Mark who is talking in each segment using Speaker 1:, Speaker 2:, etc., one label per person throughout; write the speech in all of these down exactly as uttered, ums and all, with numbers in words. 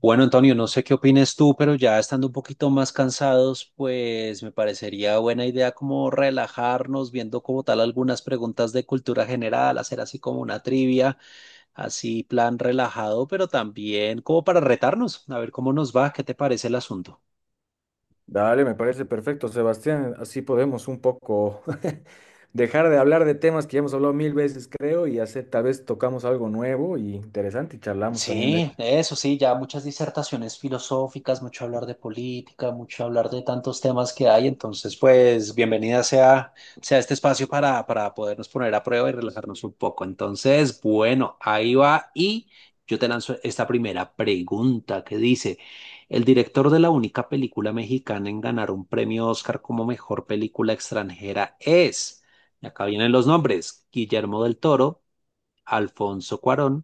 Speaker 1: Bueno, Antonio, no sé qué opines tú, pero ya estando un poquito más cansados, pues me parecería buena idea como relajarnos, viendo como tal algunas preguntas de cultura general, hacer así como una trivia, así plan relajado, pero también como para retarnos, a ver cómo nos va, qué te parece el asunto.
Speaker 2: Dale, me parece perfecto, Sebastián. Así podemos un poco dejar de hablar de temas que ya hemos hablado mil veces, creo, y hacer, tal vez tocamos algo nuevo y interesante y charlamos también de...
Speaker 1: Sí, eso sí, ya muchas disertaciones filosóficas, mucho hablar de política, mucho hablar de tantos temas que hay. Entonces, pues, bienvenida sea, sea este espacio para, para podernos poner a prueba y relajarnos un poco. Entonces, bueno, ahí va y yo te lanzo esta primera pregunta que dice, el director de la única película mexicana en ganar un premio Oscar como mejor película extranjera es, y acá vienen los nombres: Guillermo del Toro, Alfonso Cuarón,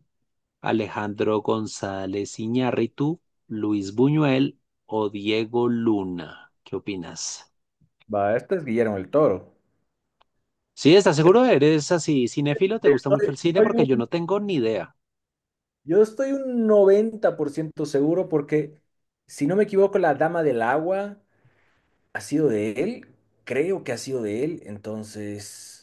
Speaker 1: Alejandro González Iñárritu, Luis Buñuel o Diego Luna. ¿Qué opinas?
Speaker 2: Va, este es Guillermo el Toro.
Speaker 1: Sí, ¿estás
Speaker 2: Este-
Speaker 1: seguro? ¿Eres así cinéfilo? ¿Te gusta mucho
Speaker 2: Estoy-
Speaker 1: el cine?
Speaker 2: estoy
Speaker 1: Porque yo
Speaker 2: un-
Speaker 1: no tengo ni idea.
Speaker 2: yo estoy un noventa por ciento seguro porque, si no me equivoco, la Dama del Agua ha sido de él, creo que ha sido de él, entonces...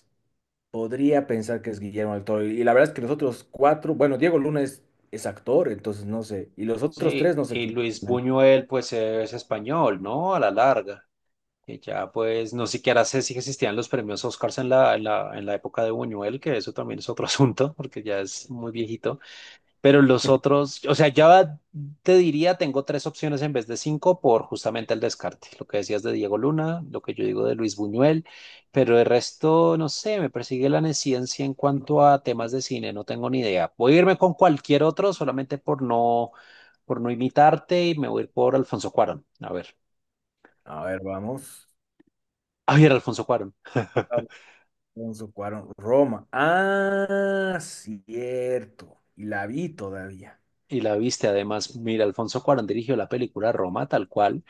Speaker 2: Podría pensar que es Guillermo del Toro. Y la verdad es que los otros cuatro, bueno, Diego Luna es, es actor, entonces no sé. Y los otros tres
Speaker 1: Sí,
Speaker 2: no sé
Speaker 1: y
Speaker 2: quién.
Speaker 1: Luis Buñuel pues es español, ¿no? A la larga, que ya pues no siquiera sé si existían los premios Oscars en la, en la, en la época de Buñuel, que eso también es otro asunto, porque ya es muy viejito. Pero los otros, o sea, ya te diría, tengo tres opciones en vez de cinco por justamente el descarte. Lo que decías de Diego Luna, lo que yo digo de Luis Buñuel, pero el resto, no sé, me persigue la neciencia en cuanto a temas de cine, no tengo ni idea. Voy a irme con cualquier otro solamente por no, por no imitarte y me voy a ir por Alfonso Cuarón. A ver,
Speaker 2: A ver, vamos.
Speaker 1: a ver, Alfonso Cuarón.
Speaker 2: Alfonso Cuarón, Roma. Ah, cierto. Y la vi todavía.
Speaker 1: Y la viste, además, mira, Alfonso Cuarón dirigió la película Roma, tal cual,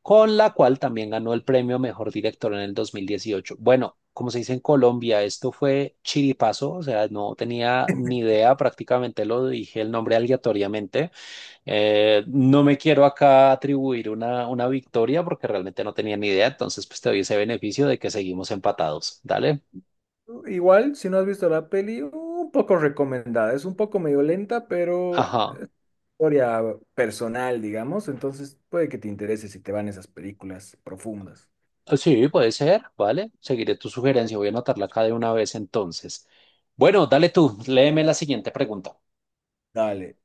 Speaker 1: con la cual también ganó el premio Mejor Director en el dos mil dieciocho. Bueno, como se dice en Colombia, esto fue chiripazo, o sea, no tenía ni idea, prácticamente lo dije el nombre aleatoriamente. Eh, no me quiero acá atribuir una, una victoria porque realmente no tenía ni idea, entonces pues te doy ese beneficio de que seguimos empatados, ¿dale?
Speaker 2: Igual, si no has visto la peli, un poco recomendada. Es un poco medio lenta, pero
Speaker 1: Ajá.
Speaker 2: historia personal, digamos. Entonces puede que te interese si te van esas películas profundas.
Speaker 1: Ah, sí, puede ser, ¿vale? Seguiré tu sugerencia, voy a anotarla acá de una vez entonces. Bueno, dale tú, léeme la siguiente pregunta.
Speaker 2: Dale.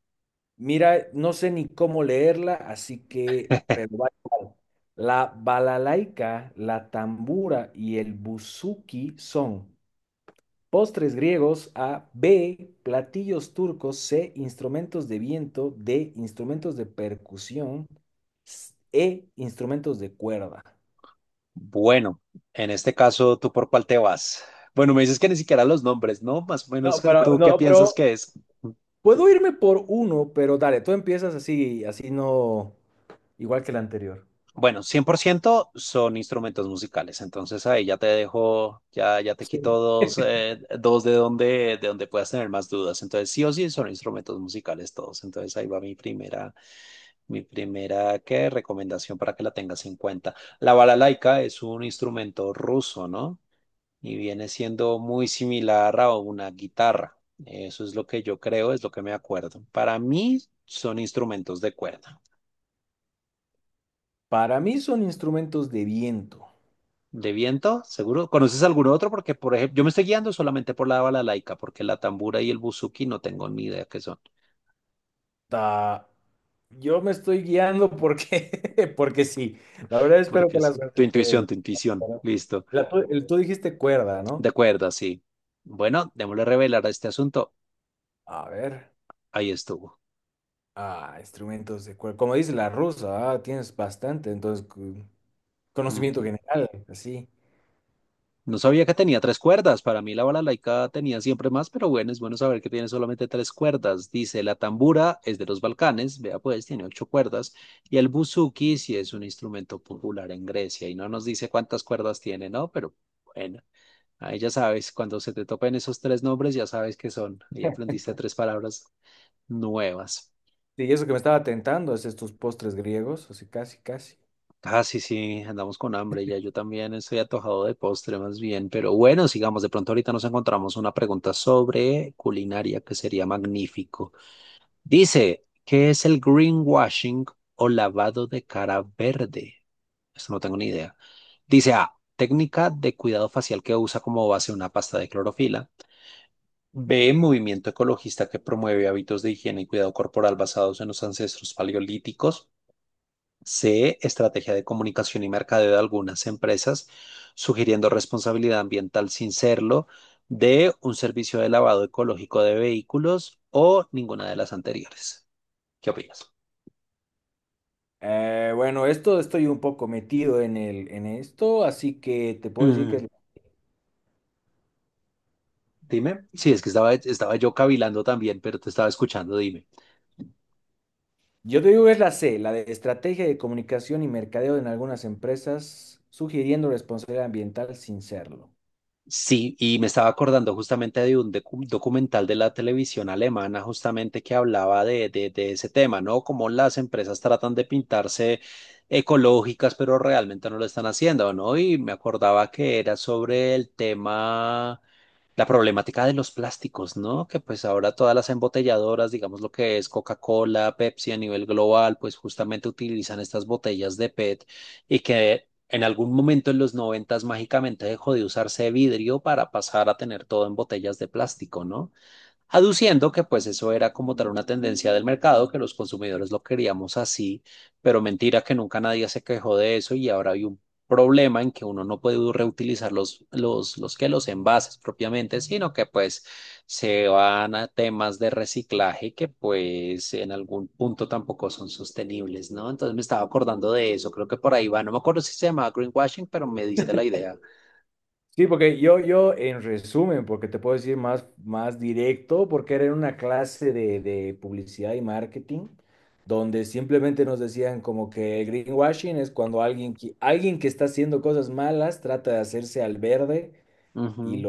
Speaker 2: Mira, no sé ni cómo leerla, así que, pero va igual. La balalaika, la tambura y el buzuki son postres griegos A, B, platillos turcos C, instrumentos de viento D, instrumentos de percusión s- E, instrumentos de cuerda.
Speaker 1: Bueno, en este caso, ¿tú por cuál te vas? Bueno, me dices que ni siquiera los nombres, ¿no? Más o menos,
Speaker 2: No,
Speaker 1: ¿qué-
Speaker 2: pero,
Speaker 1: ¿tú qué
Speaker 2: no,
Speaker 1: piensas
Speaker 2: pero
Speaker 1: que es?
Speaker 2: puedo irme por uno, pero dale, tú empiezas así, así no, igual que el anterior.
Speaker 1: Bueno, cien por ciento son instrumentos musicales, entonces ahí ya te dejo, ya, ya te quito dos, eh, dos de donde, de donde puedas tener más dudas. Entonces, sí o sí son instrumentos musicales todos. Entonces, ahí va mi primera, mi primera, ¿qué? Recomendación para que la tengas en cuenta. La balalaika es un instrumento ruso, ¿no? Y viene siendo muy similar a una guitarra. Eso es lo que yo creo, es lo que me acuerdo. Para mí son instrumentos de cuerda.
Speaker 2: Para mí son instrumentos de viento.
Speaker 1: De viento, seguro. ¿Conoces alguno otro? Porque, por ejemplo, yo me estoy guiando solamente por la balalaika, porque la tambura y el buzuki no tengo ni idea qué son.
Speaker 2: Ah, yo me estoy guiando porque, porque sí. La verdad espero que
Speaker 1: Porque
Speaker 2: la
Speaker 1: sí. Tu
Speaker 2: suerte esté de
Speaker 1: intuición,
Speaker 2: mi
Speaker 1: tu intuición.
Speaker 2: lado.
Speaker 1: Listo.
Speaker 2: La tu- el- tú dijiste cuerda,
Speaker 1: De
Speaker 2: ¿no?
Speaker 1: cuerda, sí. Bueno, démosle revelar a este asunto.
Speaker 2: A ver.
Speaker 1: Ahí estuvo.
Speaker 2: Ah, instrumentos de cuerda. Como dice la rusa, ah, tienes bastante, entonces cu- conocimiento
Speaker 1: Ujú.
Speaker 2: general, así.
Speaker 1: No sabía que tenía tres cuerdas. Para mí la balalaika tenía siempre más, pero bueno, es bueno saber que tiene solamente tres cuerdas. Dice, la tambura es de los Balcanes, vea pues, tiene ocho cuerdas. Y el buzuki sí es un instrumento popular en Grecia. Y no nos dice cuántas cuerdas tiene, ¿no? Pero bueno, ahí ya sabes, cuando se te topen esos tres nombres, ya sabes qué son. Ahí aprendiste tres palabras nuevas.
Speaker 2: Sí, y eso que me estaba tentando es estos postres griegos, así casi, casi.
Speaker 1: Ah, sí, sí, andamos con hambre ya. Yo también estoy atojado de postre más bien, pero bueno, sigamos. De pronto ahorita nos encontramos una pregunta sobre culinaria que sería magnífico. Dice, ¿qué es el greenwashing o lavado de cara verde? Esto no tengo ni idea. Dice A, técnica de cuidado facial que usa como base una pasta de clorofila. B, movimiento ecologista que promueve hábitos de higiene y cuidado corporal basados en los ancestros paleolíticos. C, estrategia de comunicación y mercadeo de algunas empresas, sugiriendo responsabilidad ambiental sin serlo. D, un servicio de lavado ecológico de vehículos o ninguna de las anteriores. ¿Qué opinas?
Speaker 2: Eh, bueno, esto estoy un poco metido en el, en esto, así que te puedo decir
Speaker 1: Mm,
Speaker 2: que
Speaker 1: dime. Sí, es que estaba, estaba yo cavilando también, pero te estaba escuchando. Dime.
Speaker 2: yo te digo que es la C, la de estrategia de comunicación y mercadeo en algunas empresas, sugiriendo responsabilidad ambiental sin serlo.
Speaker 1: Sí, y me estaba acordando justamente de un docu- documental de la televisión alemana justamente que hablaba de, de, de ese tema, ¿no? Cómo las empresas tratan de pintarse ecológicas, pero realmente no lo están haciendo, ¿no? Y me acordaba que era sobre el tema la problemática de los plásticos, ¿no? Que pues ahora todas las embotelladoras, digamos lo que es Coca-Cola, Pepsi a nivel global, pues justamente utilizan estas botellas de PET y que en algún momento en los noventas mágicamente dejó de usarse vidrio para pasar a tener todo en botellas de plástico, ¿no? Aduciendo que pues eso era como tal una tendencia del mercado, que los consumidores lo queríamos así, pero mentira que nunca nadie se quejó de eso y ahora hay un problema en que uno no puede reutilizar los, los, los que los envases propiamente, sino que pues se van a temas de reciclaje que pues en algún punto tampoco son sostenibles, ¿no? Entonces me estaba acordando de eso, creo que por ahí va, no me acuerdo si se llamaba greenwashing, pero me diste la idea.
Speaker 2: Sí, porque yo, yo en resumen, porque te puedo decir más, más directo, porque era en una clase de, de publicidad y marketing, donde simplemente nos decían como que el greenwashing es cuando alguien, que- alguien que está haciendo cosas malas trata de hacerse al verde
Speaker 1: Ujú,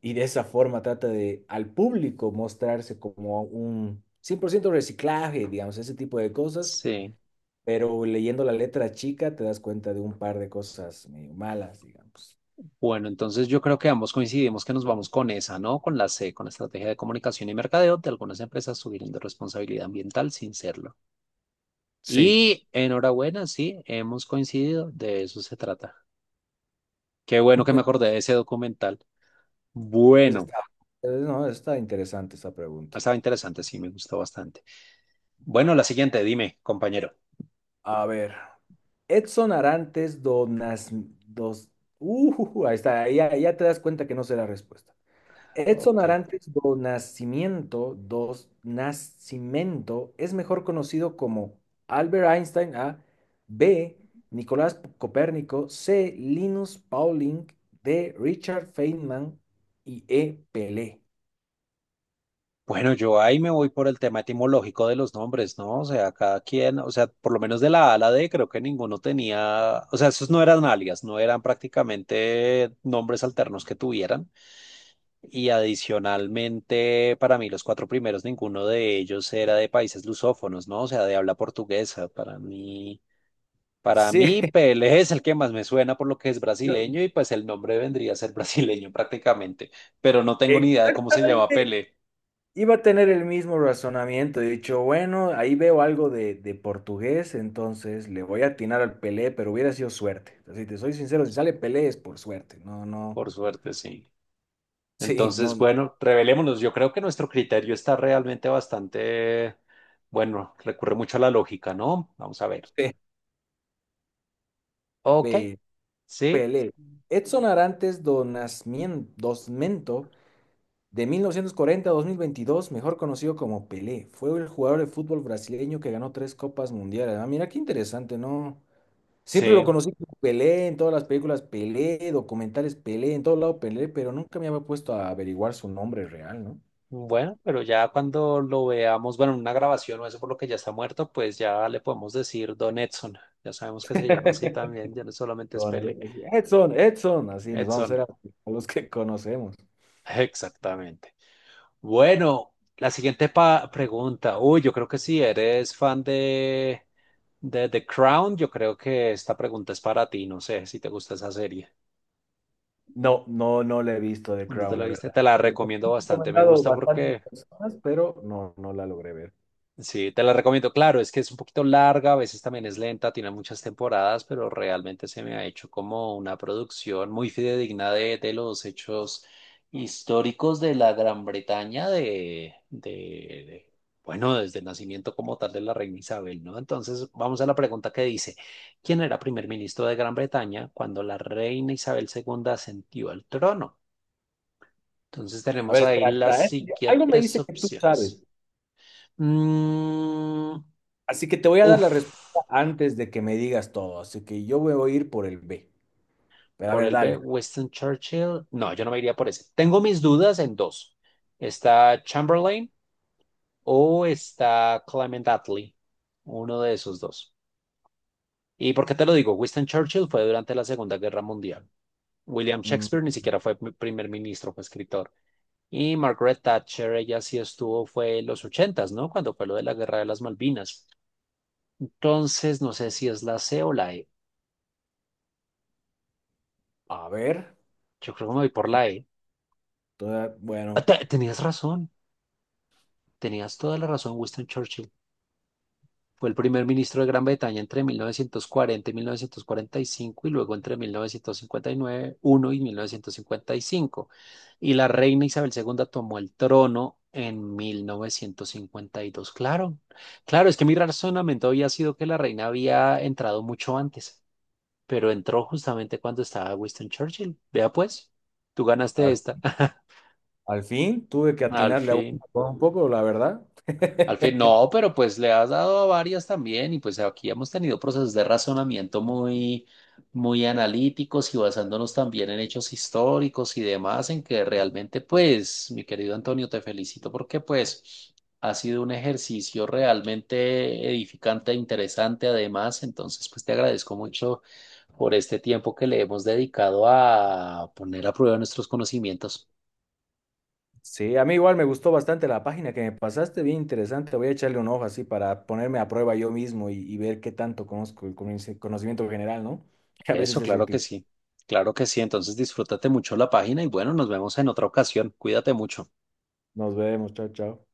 Speaker 2: y de esa forma trata de al público mostrarse como un cien por ciento reciclaje, digamos, ese tipo de cosas,
Speaker 1: sí.
Speaker 2: pero leyendo la letra chica te das cuenta de un par de cosas medio malas, digamos.
Speaker 1: Bueno, entonces yo creo que ambos coincidimos que nos vamos con esa, ¿no? Con la C, con la estrategia de comunicación y mercadeo de algunas empresas subirán de responsabilidad ambiental sin serlo.
Speaker 2: Sí.
Speaker 1: Y enhorabuena, sí, hemos coincidido, de eso se trata. Qué bueno que me acordé de ese documental.
Speaker 2: Es-
Speaker 1: Bueno,
Speaker 2: Está, no, Está interesante esa pregunta.
Speaker 1: estaba interesante, sí, me gustó bastante. Bueno, la siguiente, dime, compañero.
Speaker 2: A ver, Edson Arantes Donas, dos, uh, ahí está, ahí ya, ya te das cuenta que no sé la respuesta. Edson
Speaker 1: Ok.
Speaker 2: Arantes do Nascimento, dos Nascimento, es mejor conocido como Albert Einstein A, B, Nicolás Copérnico, C, Linus Pauling, D, Richard Feynman y E, Pelé.
Speaker 1: Bueno, yo ahí me voy por el tema etimológico de los nombres, ¿no? O sea, cada quien, o sea, por lo menos de la A a la D, creo que ninguno tenía, o sea, esos no eran alias, no eran prácticamente nombres alternos que tuvieran. Y adicionalmente, para mí, los cuatro primeros, ninguno de ellos era de países lusófonos, ¿no? O sea, de habla portuguesa. Para mí, para
Speaker 2: Sí,
Speaker 1: mí, Pelé es el que más me suena por lo que es
Speaker 2: yo
Speaker 1: brasileño y pues el nombre vendría a ser brasileño prácticamente, pero no tengo ni idea de cómo se llama
Speaker 2: exactamente
Speaker 1: Pelé,
Speaker 2: iba a tener el mismo razonamiento. He dicho, bueno, ahí veo algo de, de portugués, entonces le voy a atinar al Pelé, pero hubiera sido suerte. Si te soy sincero, si sale Pelé es por suerte. No, no.
Speaker 1: por suerte, sí.
Speaker 2: Sí, no.
Speaker 1: Entonces, bueno, revelémonos. Yo creo que nuestro criterio está realmente bastante, bueno, recurre mucho a la lógica, ¿no? Vamos a ver.
Speaker 2: Pe-
Speaker 1: Ok,
Speaker 2: pe-
Speaker 1: sí,
Speaker 2: Pelé. Edson Arantes do Nascimento Dosmento, de mil novecientos cuarenta a dos mil veintidós, mejor conocido como Pelé, fue el jugador de fútbol brasileño que ganó tres copas mundiales. Ah, mira qué interesante, ¿no? Siempre lo
Speaker 1: sí.
Speaker 2: conocí como Pelé, en todas las películas Pelé, documentales Pelé, en todo lado Pelé, pero nunca me había puesto a averiguar su nombre real, ¿no?
Speaker 1: Bueno, pero ya cuando lo veamos, bueno, en una grabación o eso por lo que ya está muerto, pues ya le podemos decir Don Edson. Ya sabemos que se llama así también, ya no solamente es
Speaker 2: Son-
Speaker 1: Pele.
Speaker 2: Edson, Edson, así nos vamos a
Speaker 1: Edson,
Speaker 2: hacer a a los que conocemos.
Speaker 1: exactamente. Bueno, la siguiente pa- pregunta. Uy, yo creo que si eres fan de, de The Crown, yo creo que esta pregunta es para ti. No sé si te gusta esa serie.
Speaker 2: No, no, no la he visto de
Speaker 1: ¿No te
Speaker 2: Crown,
Speaker 1: la
Speaker 2: la
Speaker 1: viste?
Speaker 2: verdad.
Speaker 1: Te la
Speaker 2: Me han
Speaker 1: recomiendo bastante. Me
Speaker 2: recomendado
Speaker 1: gusta
Speaker 2: bastantes
Speaker 1: porque
Speaker 2: personas, pero no, no la logré ver.
Speaker 1: sí, te la recomiendo. Claro, es que es un poquito larga, a veces también es lenta, tiene muchas temporadas, pero realmente se me ha hecho como una producción muy fidedigna de, de los hechos históricos de la Gran Bretaña, de, de, de- bueno, desde el nacimiento como tal de la reina Isabel, ¿no? Entonces, vamos a la pregunta que dice, ¿quién era primer ministro de Gran Bretaña cuando la reina Isabel segunda ascendió al trono? Entonces,
Speaker 2: A
Speaker 1: tenemos
Speaker 2: ver,
Speaker 1: ahí
Speaker 2: espera,
Speaker 1: las
Speaker 2: espera, ¿eh? Yo- Algo me
Speaker 1: siguientes
Speaker 2: dice que tú sabes,
Speaker 1: opciones. Mm,
Speaker 2: así que te voy a dar la respuesta
Speaker 1: Uf,
Speaker 2: antes de que me digas todo, así que yo voy a ir por el B. Pero a
Speaker 1: por
Speaker 2: ver,
Speaker 1: el B,
Speaker 2: dale.
Speaker 1: Winston Churchill. No, yo no me iría por ese. Tengo mis dudas en dos. Está Chamberlain o está Clement Attlee. Uno de esos dos. ¿Y por qué te lo digo? Winston Churchill fue durante la Segunda Guerra Mundial. William
Speaker 2: Mm,
Speaker 1: Shakespeare ni siquiera fue pr- primer ministro, fue escritor. Y Margaret Thatcher, ella sí estuvo, fue en los ochentas, ¿no? Cuando fue lo de la Guerra de las Malvinas. Entonces, no sé si es la C o la E.
Speaker 2: a ver,
Speaker 1: Yo creo que me voy por la E.
Speaker 2: toda-
Speaker 1: Ah,
Speaker 2: bueno,
Speaker 1: te- tenías razón. Tenías toda la razón, Winston Churchill. Fue el primer ministro de Gran Bretaña entre mil novecientos cuarenta y mil novecientos cuarenta y cinco y cinco y luego entre mil novecientos cincuenta y nueve, uno y mil novecientos cincuenta y cinco. Y mil novecientos cincuenta y cinco. Y la reina Isabel segunda tomó el trono en mil novecientos cincuenta y dos. Claro, claro, es que mi razonamiento había sido que la reina había entrado mucho antes, pero entró justamente cuando estaba Winston Churchill. Vea pues, tú ganaste
Speaker 2: al,
Speaker 1: esta.
Speaker 2: al fin tuve que
Speaker 1: Al
Speaker 2: atinarle a uno
Speaker 1: fin.
Speaker 2: por un poco, la verdad.
Speaker 1: Al fin, no, pero pues le has dado a varias también y pues aquí hemos tenido procesos de razonamiento muy, muy analíticos y basándonos también en hechos históricos y demás, en que realmente pues, mi querido Antonio, te felicito porque pues ha sido un ejercicio realmente edificante e interesante además, entonces pues te agradezco mucho por este tiempo que le hemos dedicado a poner a prueba nuestros conocimientos.
Speaker 2: Sí, a mí igual me gustó bastante la página que me pasaste, bien interesante. Voy a echarle un ojo así para ponerme a prueba yo mismo y, y ver qué tanto conozco el conoci- conocimiento general, ¿no? Que a veces
Speaker 1: Eso,
Speaker 2: es
Speaker 1: claro que
Speaker 2: útil.
Speaker 1: sí. Claro que sí. Entonces disfrútate mucho la página y bueno, nos vemos en otra ocasión. Cuídate mucho.
Speaker 2: Nos vemos, chao, chao.